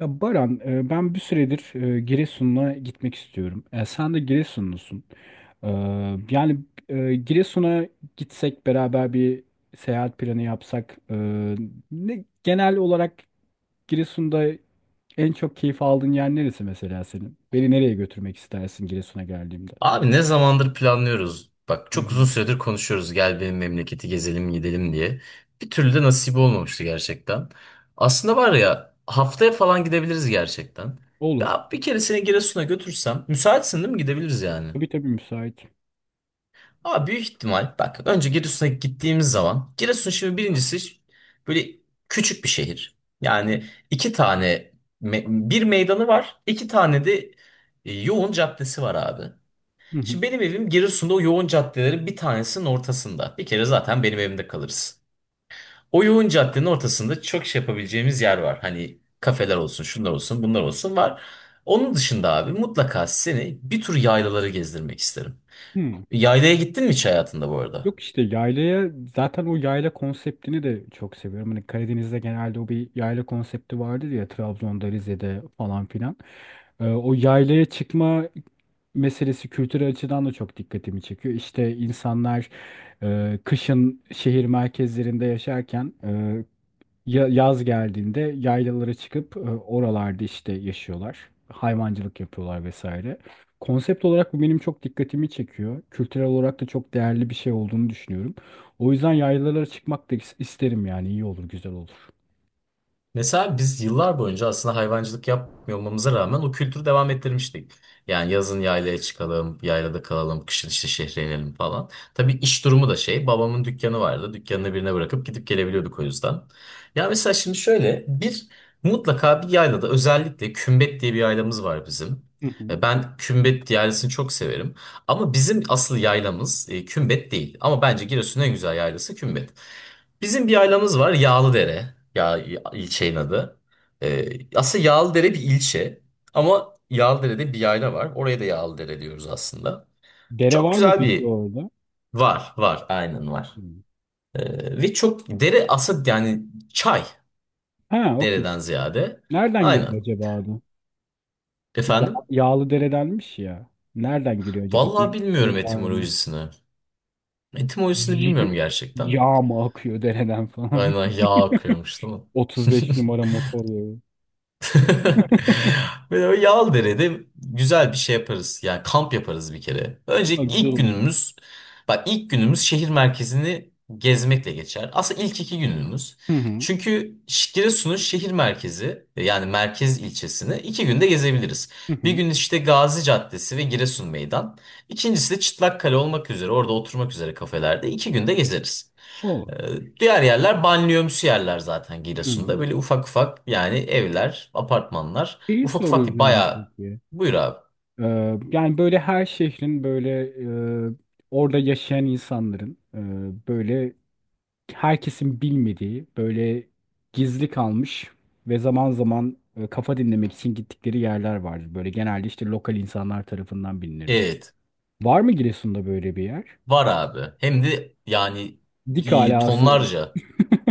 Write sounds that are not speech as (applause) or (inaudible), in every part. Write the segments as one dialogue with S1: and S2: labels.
S1: Ya Baran, ben bir süredir Giresun'a gitmek istiyorum. E, Sen de Giresunlusun. E, Yani Giresun'a gitsek beraber bir seyahat planı yapsak. Genel olarak Giresun'da en çok keyif aldığın yer neresi mesela senin? Beni nereye götürmek istersin Giresun'a geldiğimde?
S2: Abi ne zamandır planlıyoruz. Bak
S1: Hı
S2: çok uzun
S1: hı.
S2: süredir konuşuyoruz, gel benim memleketi gezelim gidelim diye. Bir türlü de nasip olmamıştı gerçekten. Aslında var ya, haftaya falan gidebiliriz gerçekten.
S1: Olur.
S2: Ya bir kere seni Giresun'a götürsem, müsaitsin değil mi, gidebiliriz yani.
S1: Tabii tabii müsait.
S2: Ama büyük ihtimal bak, önce Giresun'a gittiğimiz zaman Giresun şimdi birincisi böyle küçük bir şehir. Yani iki tane bir meydanı var, iki tane de yoğun caddesi var abi.
S1: Hı hı.
S2: Şimdi benim evim Giresun'da o yoğun caddelerin bir tanesinin ortasında. Bir kere zaten benim evimde kalırız. O yoğun caddenin ortasında çok şey yapabileceğimiz yer var. Hani kafeler olsun, şunlar olsun, bunlar olsun, var. Onun dışında abi mutlaka seni bir tur yaylaları gezdirmek isterim.
S1: Hı.
S2: Yaylaya gittin mi hiç hayatında bu arada?
S1: Yok işte yaylaya zaten o yayla konseptini de çok seviyorum. Hani Karadeniz'de genelde o bir yayla konsepti vardır ya Trabzon'da, Rize'de falan filan. O yaylaya çıkma meselesi kültürel açıdan da çok dikkatimi çekiyor. İşte insanlar kışın şehir merkezlerinde yaşarken, yaz geldiğinde yaylalara çıkıp oralarda işte yaşıyorlar. Hayvancılık yapıyorlar vesaire. Konsept olarak bu benim çok dikkatimi çekiyor. Kültürel olarak da çok değerli bir şey olduğunu düşünüyorum. O yüzden yaylalara çıkmak da isterim, yani iyi olur, güzel olur.
S2: Mesela biz yıllar boyunca aslında hayvancılık yapmıyor olmamıza rağmen o kültürü devam ettirmiştik. Yani yazın yaylaya çıkalım, yaylada kalalım, kışın işte şehre inelim falan. Tabii iş durumu da şey, babamın dükkanı vardı. Dükkanını birine bırakıp gidip gelebiliyorduk o yüzden. Ya mesela şimdi şöyle bir mutlaka bir yaylada, özellikle Kümbet diye bir yaylamız var bizim.
S1: Hı hı.
S2: Ben Kümbet yaylasını çok severim. Ama bizim asıl yaylamız Kümbet değil. Ama bence Giresun'un en güzel yaylası Kümbet. Bizim bir ailemız var, Yağlıdere. Ya ilçenin adı. Ee, aslında Yağlıdere bir ilçe, ama Yağlıdere'de bir yayla var. Oraya da Yağlıdere diyoruz aslında.
S1: Dere
S2: Çok
S1: var mı
S2: güzel
S1: peki
S2: bir
S1: orada?
S2: var, aynen var.
S1: Hı.
S2: Ve çok dere aslında, yani çay
S1: Ha, okey.
S2: dereden ziyade.
S1: Nereden
S2: Aynen.
S1: geliyor acaba adı?
S2: Efendim?
S1: Yağlı deredenmiş ya. Nereden geliyor acaba?
S2: Vallahi
S1: Bir
S2: bilmiyorum
S1: şey var mı?
S2: etimolojisini. Etimolojisini bilmiyorum
S1: (laughs)
S2: gerçekten.
S1: Yağ mı akıyor dereden falan?
S2: Aynen yağ akıyormuş değil mi? (laughs)
S1: 35 numara motor yağı.
S2: (laughs) Böyle o Yağlıdere'de güzel bir şey yaparız. Yani kamp yaparız bir kere.
S1: Ama
S2: Öncelikle
S1: güzel
S2: ilk
S1: olur.
S2: günümüz, bak ilk günümüz şehir merkezini gezmekle geçer. Aslında ilk iki günümüz.
S1: Hı hı.
S2: Çünkü Giresun'un şehir merkezi, yani merkez ilçesini iki günde gezebiliriz.
S1: Hı
S2: Bir
S1: hı.
S2: gün işte Gazi Caddesi ve Giresun Meydan. İkincisi de Çıtlakkale olmak üzere, orada oturmak üzere kafelerde iki günde gezeriz.
S1: Olur.
S2: Diğer yerler banliyömsü yerler zaten Giresun'da.
S1: Hı.
S2: Böyle ufak ufak yani, evler, apartmanlar.
S1: Şeyi
S2: Ufak ufak değil,
S1: soracağım
S2: bayağı.
S1: peki.
S2: Buyur abi.
S1: Ee, Yani böyle her şehrin böyle e, orada yaşayan insanların, böyle herkesin bilmediği, böyle gizli kalmış ve zaman zaman kafa dinlemek için gittikleri yerler vardır. Böyle genelde işte lokal insanlar tarafından bilinir bu.
S2: Evet.
S1: Var mı Giresun'da böyle bir yer?
S2: Var abi. Hem de yani
S1: Dik alası var.
S2: tonlarca.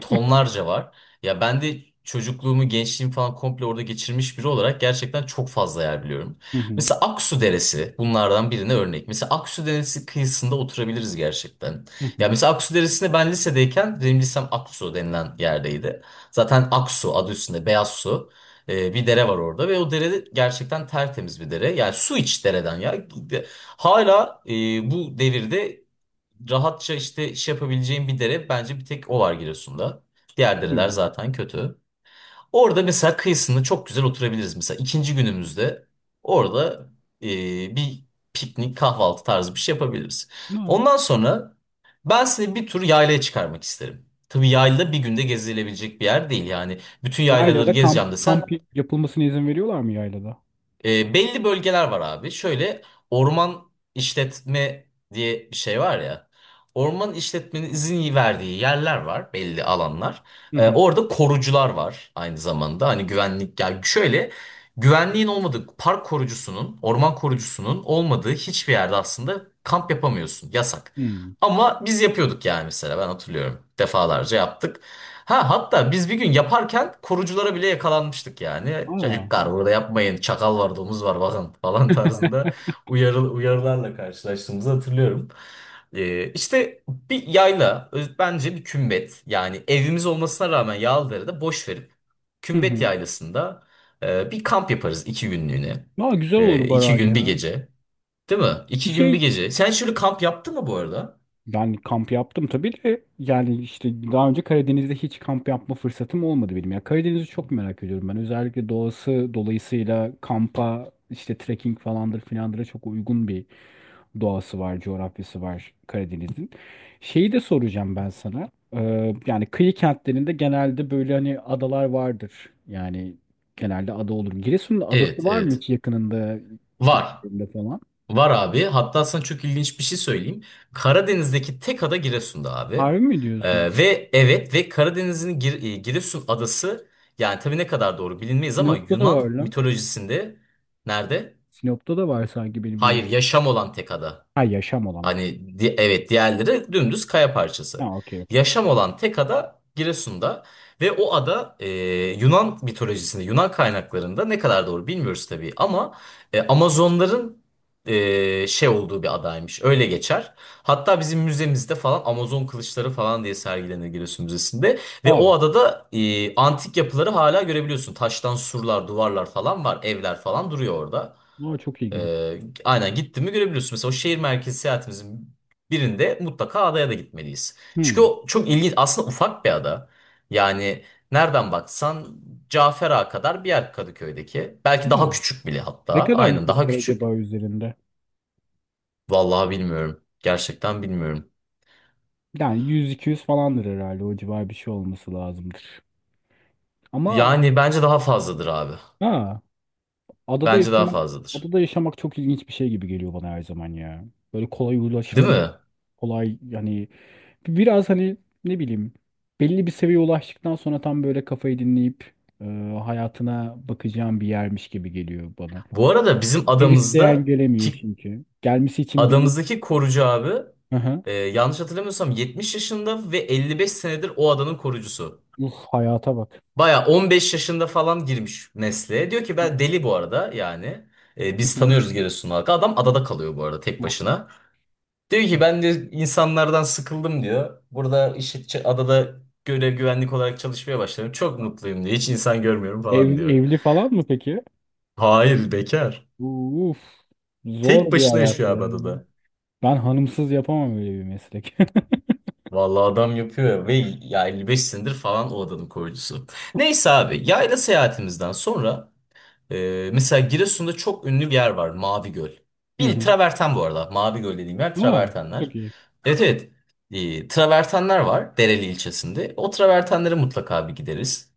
S2: Tonlarca var. Ya ben de çocukluğumu, gençliğimi falan komple orada geçirmiş biri olarak gerçekten çok fazla yer biliyorum.
S1: Hı hı.
S2: Mesela Aksu Deresi bunlardan birine örnek. Mesela Aksu Deresi kıyısında oturabiliriz gerçekten.
S1: Hı
S2: Ya
S1: hı.
S2: mesela Aksu Deresi'nde, ben lisedeyken benim lisem Aksu denilen yerdeydi. Zaten Aksu adı üstünde, beyaz su. Bir dere var orada ve o dere gerçekten tertemiz bir dere. Yani su iç dereden ya. Hala bu devirde rahatça işte iş yapabileceğin bir dere, bence bir tek o var Giresun'da. Diğer dereler zaten kötü. Orada mesela kıyısında çok güzel oturabiliriz. Mesela ikinci günümüzde orada e, bir piknik kahvaltı tarzı bir şey yapabiliriz.
S1: Hı.
S2: Ondan sonra ben size bir tur yaylaya çıkarmak isterim. Tabii yayla bir günde gezilebilecek bir yer değil. Yani bütün yaylaları
S1: Yaylada
S2: gezeceğim
S1: kamp, kamp
S2: desen
S1: yapılmasına izin veriyorlar mı yaylada?
S2: belli bölgeler var abi. Şöyle orman işletme diye bir şey var ya. Orman işletmenin izin verdiği yerler var, belli alanlar.
S1: Hı hı.
S2: Orada korucular var aynı zamanda. Hani güvenlik, yani şöyle güvenliğin olmadığı, park korucusunun, orman korucusunun olmadığı hiçbir yerde aslında kamp yapamıyorsun. Yasak.
S1: Hmm.
S2: Ama biz yapıyorduk yani, mesela ben hatırlıyorum. Defalarca yaptık. Ha hatta biz bir gün yaparken koruculara bile yakalanmıştık yani.
S1: Aa.
S2: Çocuklar burada yapmayın, çakal var, domuz var, bakın falan (laughs) tarzında uyarılarla karşılaştığımızı hatırlıyorum. İşte bir yayla bence bir kümbet, yani evimiz olmasına rağmen Yağlıdere'de boş verip
S1: Hı
S2: kümbet
S1: hı.
S2: yaylasında bir kamp yaparız iki günlüğüne.
S1: Aa, güzel olur Baran
S2: İki gün bir
S1: ya.
S2: gece değil mi?
S1: Bir
S2: İki gün bir
S1: şey,
S2: gece. Sen şöyle kamp yaptın mı bu arada?
S1: yani kamp yaptım tabii de, yani işte daha önce Karadeniz'de hiç kamp yapma fırsatım olmadı benim. Ya Karadeniz'i çok merak ediyorum ben. Özellikle doğası dolayısıyla kampa, işte trekking falandır filandıra çok uygun bir doğası var, coğrafyası var Karadeniz'in. Şeyi de soracağım ben sana. Yani kıyı kentlerinde genelde böyle hani adalar vardır. Yani genelde ada olur. Giresun'un adası
S2: Evet,
S1: var mı
S2: evet.
S1: hiç yakınında,
S2: Var.
S1: çevresinde falan?
S2: Var abi. Hatta sana çok ilginç bir şey söyleyeyim. Karadeniz'deki tek ada Giresun'da abi.
S1: Harbi mi diyorsun?
S2: Ve evet, ve Karadeniz'in Giresun adası, yani tabii ne kadar doğru bilinmeyiz ama
S1: Sinop'ta da var
S2: Yunan
S1: lan.
S2: mitolojisinde nerede?
S1: Sinop'ta da var sanki benim
S2: Hayır,
S1: bildiğim.
S2: yaşam olan tek ada.
S1: Ha, yaşam olan,
S2: Hani
S1: okey.
S2: evet, diğerleri dümdüz kaya
S1: Ha,
S2: parçası.
S1: okey okey.
S2: Yaşam olan tek ada Giresun'da ve o ada Yunan mitolojisinde, Yunan kaynaklarında ne kadar doğru bilmiyoruz tabii, ama Amazonların şey olduğu bir adaymış. Öyle geçer. Hatta bizim müzemizde falan Amazon kılıçları falan diye sergilenir Giresun Müzesi'nde, ve
S1: Aa,
S2: o adada antik yapıları hala görebiliyorsun. Taştan surlar, duvarlar falan var, evler falan duruyor orada.
S1: aa çok ilginç.
S2: Aynen, gittin mi görebiliyorsun. Mesela o şehir merkezi seyahatimizin birinde mutlaka adaya da gitmeliyiz. Çünkü
S1: Hmm.
S2: o çok ilginç. Aslında ufak bir ada. Yani nereden baksan Cafer Ağa kadar bir yer, Kadıköy'deki. Belki
S1: Ha,
S2: daha küçük bile
S1: ne
S2: hatta.
S1: kadar
S2: Aynen,
S1: nüfus
S2: daha
S1: var
S2: küçük.
S1: acaba üzerinde?
S2: Vallahi bilmiyorum. Gerçekten bilmiyorum.
S1: Yani 100-200 falandır herhalde. O civar bir şey olması lazımdır. Ama
S2: Yani bence daha fazladır abi.
S1: ha, adada
S2: Bence daha
S1: yaşamak,
S2: fazladır.
S1: adada yaşamak çok ilginç bir şey gibi geliyor bana her zaman ya. Böyle kolay
S2: Değil
S1: ulaşılam,
S2: mi?
S1: kolay yani biraz hani ne bileyim, belli bir seviyeye ulaştıktan sonra tam böyle kafayı dinleyip e, hayatına bakacağım bir yermiş gibi geliyor bana.
S2: Bu arada bizim
S1: Her isteyen
S2: adamızda
S1: gelemiyor çünkü. Gelmesi için bir.
S2: adamızdaki korucu abi
S1: Hı hı.
S2: yanlış hatırlamıyorsam 70 yaşında ve 55 senedir o adanın korucusu.
S1: Uf, hayata bak.
S2: Baya 15 yaşında falan girmiş mesleğe. Diyor ki ben deli bu arada, yani.
S1: Hı
S2: Biz
S1: hı.
S2: tanıyoruz, Giresun halkı. Adam adada kalıyor bu arada, tek başına. Diyor ki ben de insanlardan sıkıldım diyor. Burada işte adada görev, güvenlik olarak çalışmaya başladım. Çok mutluyum diyor. Hiç insan görmüyorum
S1: Ev,
S2: falan diyor.
S1: evli falan mı peki?
S2: Hayır, bekar.
S1: Uf,
S2: Tek
S1: zor bir
S2: başına
S1: hayat
S2: yaşıyor
S1: ya.
S2: abi adada.
S1: Ben hanımsız yapamam öyle bir meslek.
S2: Vallahi adam yapıyor ya. Ve ya 55 senedir falan o adanın koyucusu. Neyse abi, yayla seyahatimizden sonra mesela Giresun'da çok ünlü bir yer var, Mavi Göl.
S1: (laughs) Hı
S2: Bil
S1: hı.
S2: traverten bu arada, Mavi Göl dediğim yer
S1: Aa,
S2: travertenler.
S1: çok iyi.
S2: Evet, evet. Travertenler var Dereli ilçesinde, o travertenlere mutlaka bir gideriz.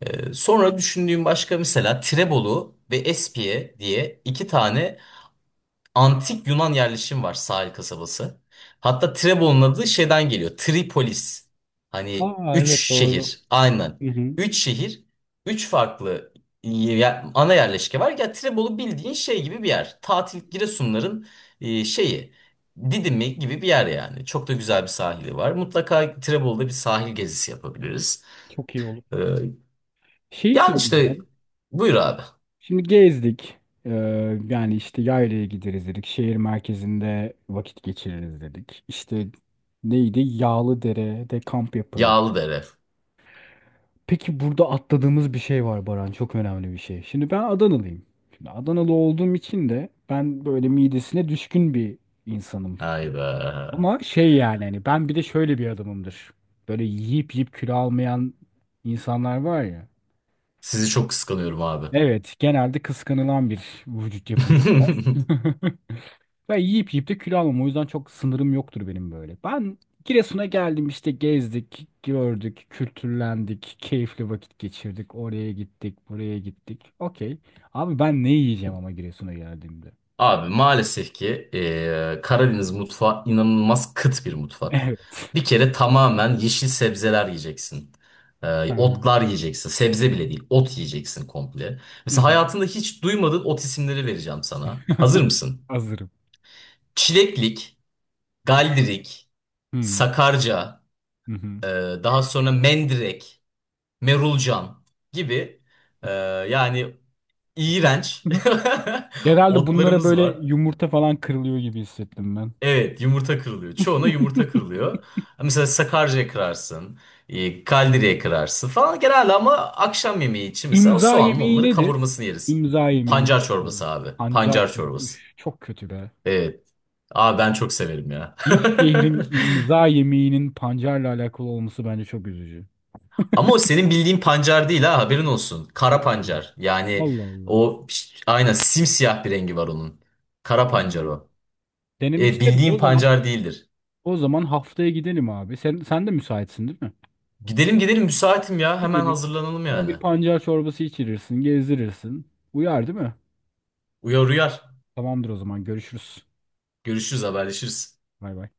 S2: Sonra düşündüğüm başka, mesela Tirebolu ve Espiye diye iki tane antik Yunan yerleşim var, sahil kasabası. Hatta Trebon'un adı şeyden geliyor. Tripolis. Hani
S1: Aa
S2: üç
S1: evet doğru.
S2: şehir. Aynen.
S1: Hı hı,
S2: Üç şehir. Üç farklı ana yerleşke var. Ya Trebolu bildiğin şey gibi bir yer. Tatil Giresunların şeyi. Didimi gibi bir yer yani. Çok da güzel bir sahili var. Mutlaka Trebolu'da bir sahil gezisi yapabiliriz.
S1: çok iyi olur.
S2: Ee,
S1: Şeyi
S2: yani işte
S1: soracağım.
S2: buyur abi.
S1: Şimdi gezdik. Ee, Yani işte yaylaya gideriz dedik. Şehir merkezinde vakit geçiririz dedik. İşte neydi? Yağlıdere'de kamp yaparız.
S2: Yağlıdere.
S1: Peki burada atladığımız bir şey var Baran. Çok önemli bir şey. Şimdi ben Adanalıyım. Şimdi Adanalı olduğum için de ben böyle midesine düşkün bir insanım.
S2: Ay be.
S1: Ama şey, yani hani ben bir de şöyle bir adamımdır. Böyle yiyip yiyip kilo almayan insanlar var ya.
S2: Sizi çok kıskanıyorum abi.
S1: Evet, genelde kıskanılan bir vücut yapım. (laughs)
S2: (laughs)
S1: Ben yiyip yiyip de kilo almam. O yüzden çok sınırım yoktur benim böyle. Ben Giresun'a geldim, işte gezdik, gördük, kültürlendik, keyifli vakit geçirdik. Oraya gittik, buraya gittik. Okey. Abi ben ne yiyeceğim ama Giresun'a geldiğimde? (laughs)
S2: Abi maalesef ki Karadeniz mutfağı inanılmaz kıt bir mutfak.
S1: Evet.
S2: Bir kere tamamen yeşil sebzeler yiyeceksin.
S1: Hı hı.
S2: Otlar yiyeceksin. Sebze bile değil, ot yiyeceksin komple.
S1: Hı
S2: Mesela
S1: hı.
S2: hayatında hiç duymadığın ot isimleri vereceğim sana. Hazır
S1: (laughs)
S2: mısın?
S1: Hazırım.
S2: Çileklik, galdirik,
S1: Hı hı.
S2: sakarca,
S1: Hı hı.
S2: daha sonra mendirek, merulcan gibi eee, yani iğrenç
S1: (laughs)
S2: (laughs)
S1: Genelde bunlara
S2: otlarımız
S1: böyle
S2: var.
S1: yumurta falan kırılıyor gibi hissettim ben.
S2: Evet, yumurta kırılıyor. Çoğuna
S1: (laughs)
S2: yumurta kırılıyor. Mesela Sakarca'ya kırarsın, kaldiriye kırarsın falan genelde, ama akşam yemeği için mesela o
S1: İmza
S2: soğanın
S1: yemeği
S2: onları
S1: nedir?
S2: kavurmasını yeriz.
S1: İmza yemeği
S2: Pancar çorbası
S1: girelim.
S2: abi.
S1: Pancar
S2: Pancar
S1: çorba.
S2: çorbası.
S1: Üf, çok kötü be.
S2: Evet. Abi ben çok severim ya.
S1: Bir
S2: (laughs)
S1: şehrin imza yemeğinin pancarla alakalı olması bence çok üzücü.
S2: Ama o senin bildiğin pancar değil, ha, haberin olsun. Kara
S1: Hmm.
S2: pancar. Yani
S1: Allah Allah.
S2: o aynen simsiyah bir rengi var onun. Kara pancar
S1: Hmm.
S2: o.
S1: Denemek
S2: Evet,
S1: isterim.
S2: bildiğin
S1: O zaman,
S2: pancar değildir.
S1: o zaman haftaya gidelim abi. Sen de müsaitsin değil mi?
S2: Gidelim gidelim, müsaitim ya. Hemen
S1: Gidelim.
S2: hazırlanalım
S1: Bana
S2: yani.
S1: bir pancar çorbası içirirsin, gezdirirsin. Uyar değil mi?
S2: Uyar uyar.
S1: Tamamdır o zaman. Görüşürüz.
S2: Görüşürüz, haberleşiriz.
S1: Bay bay.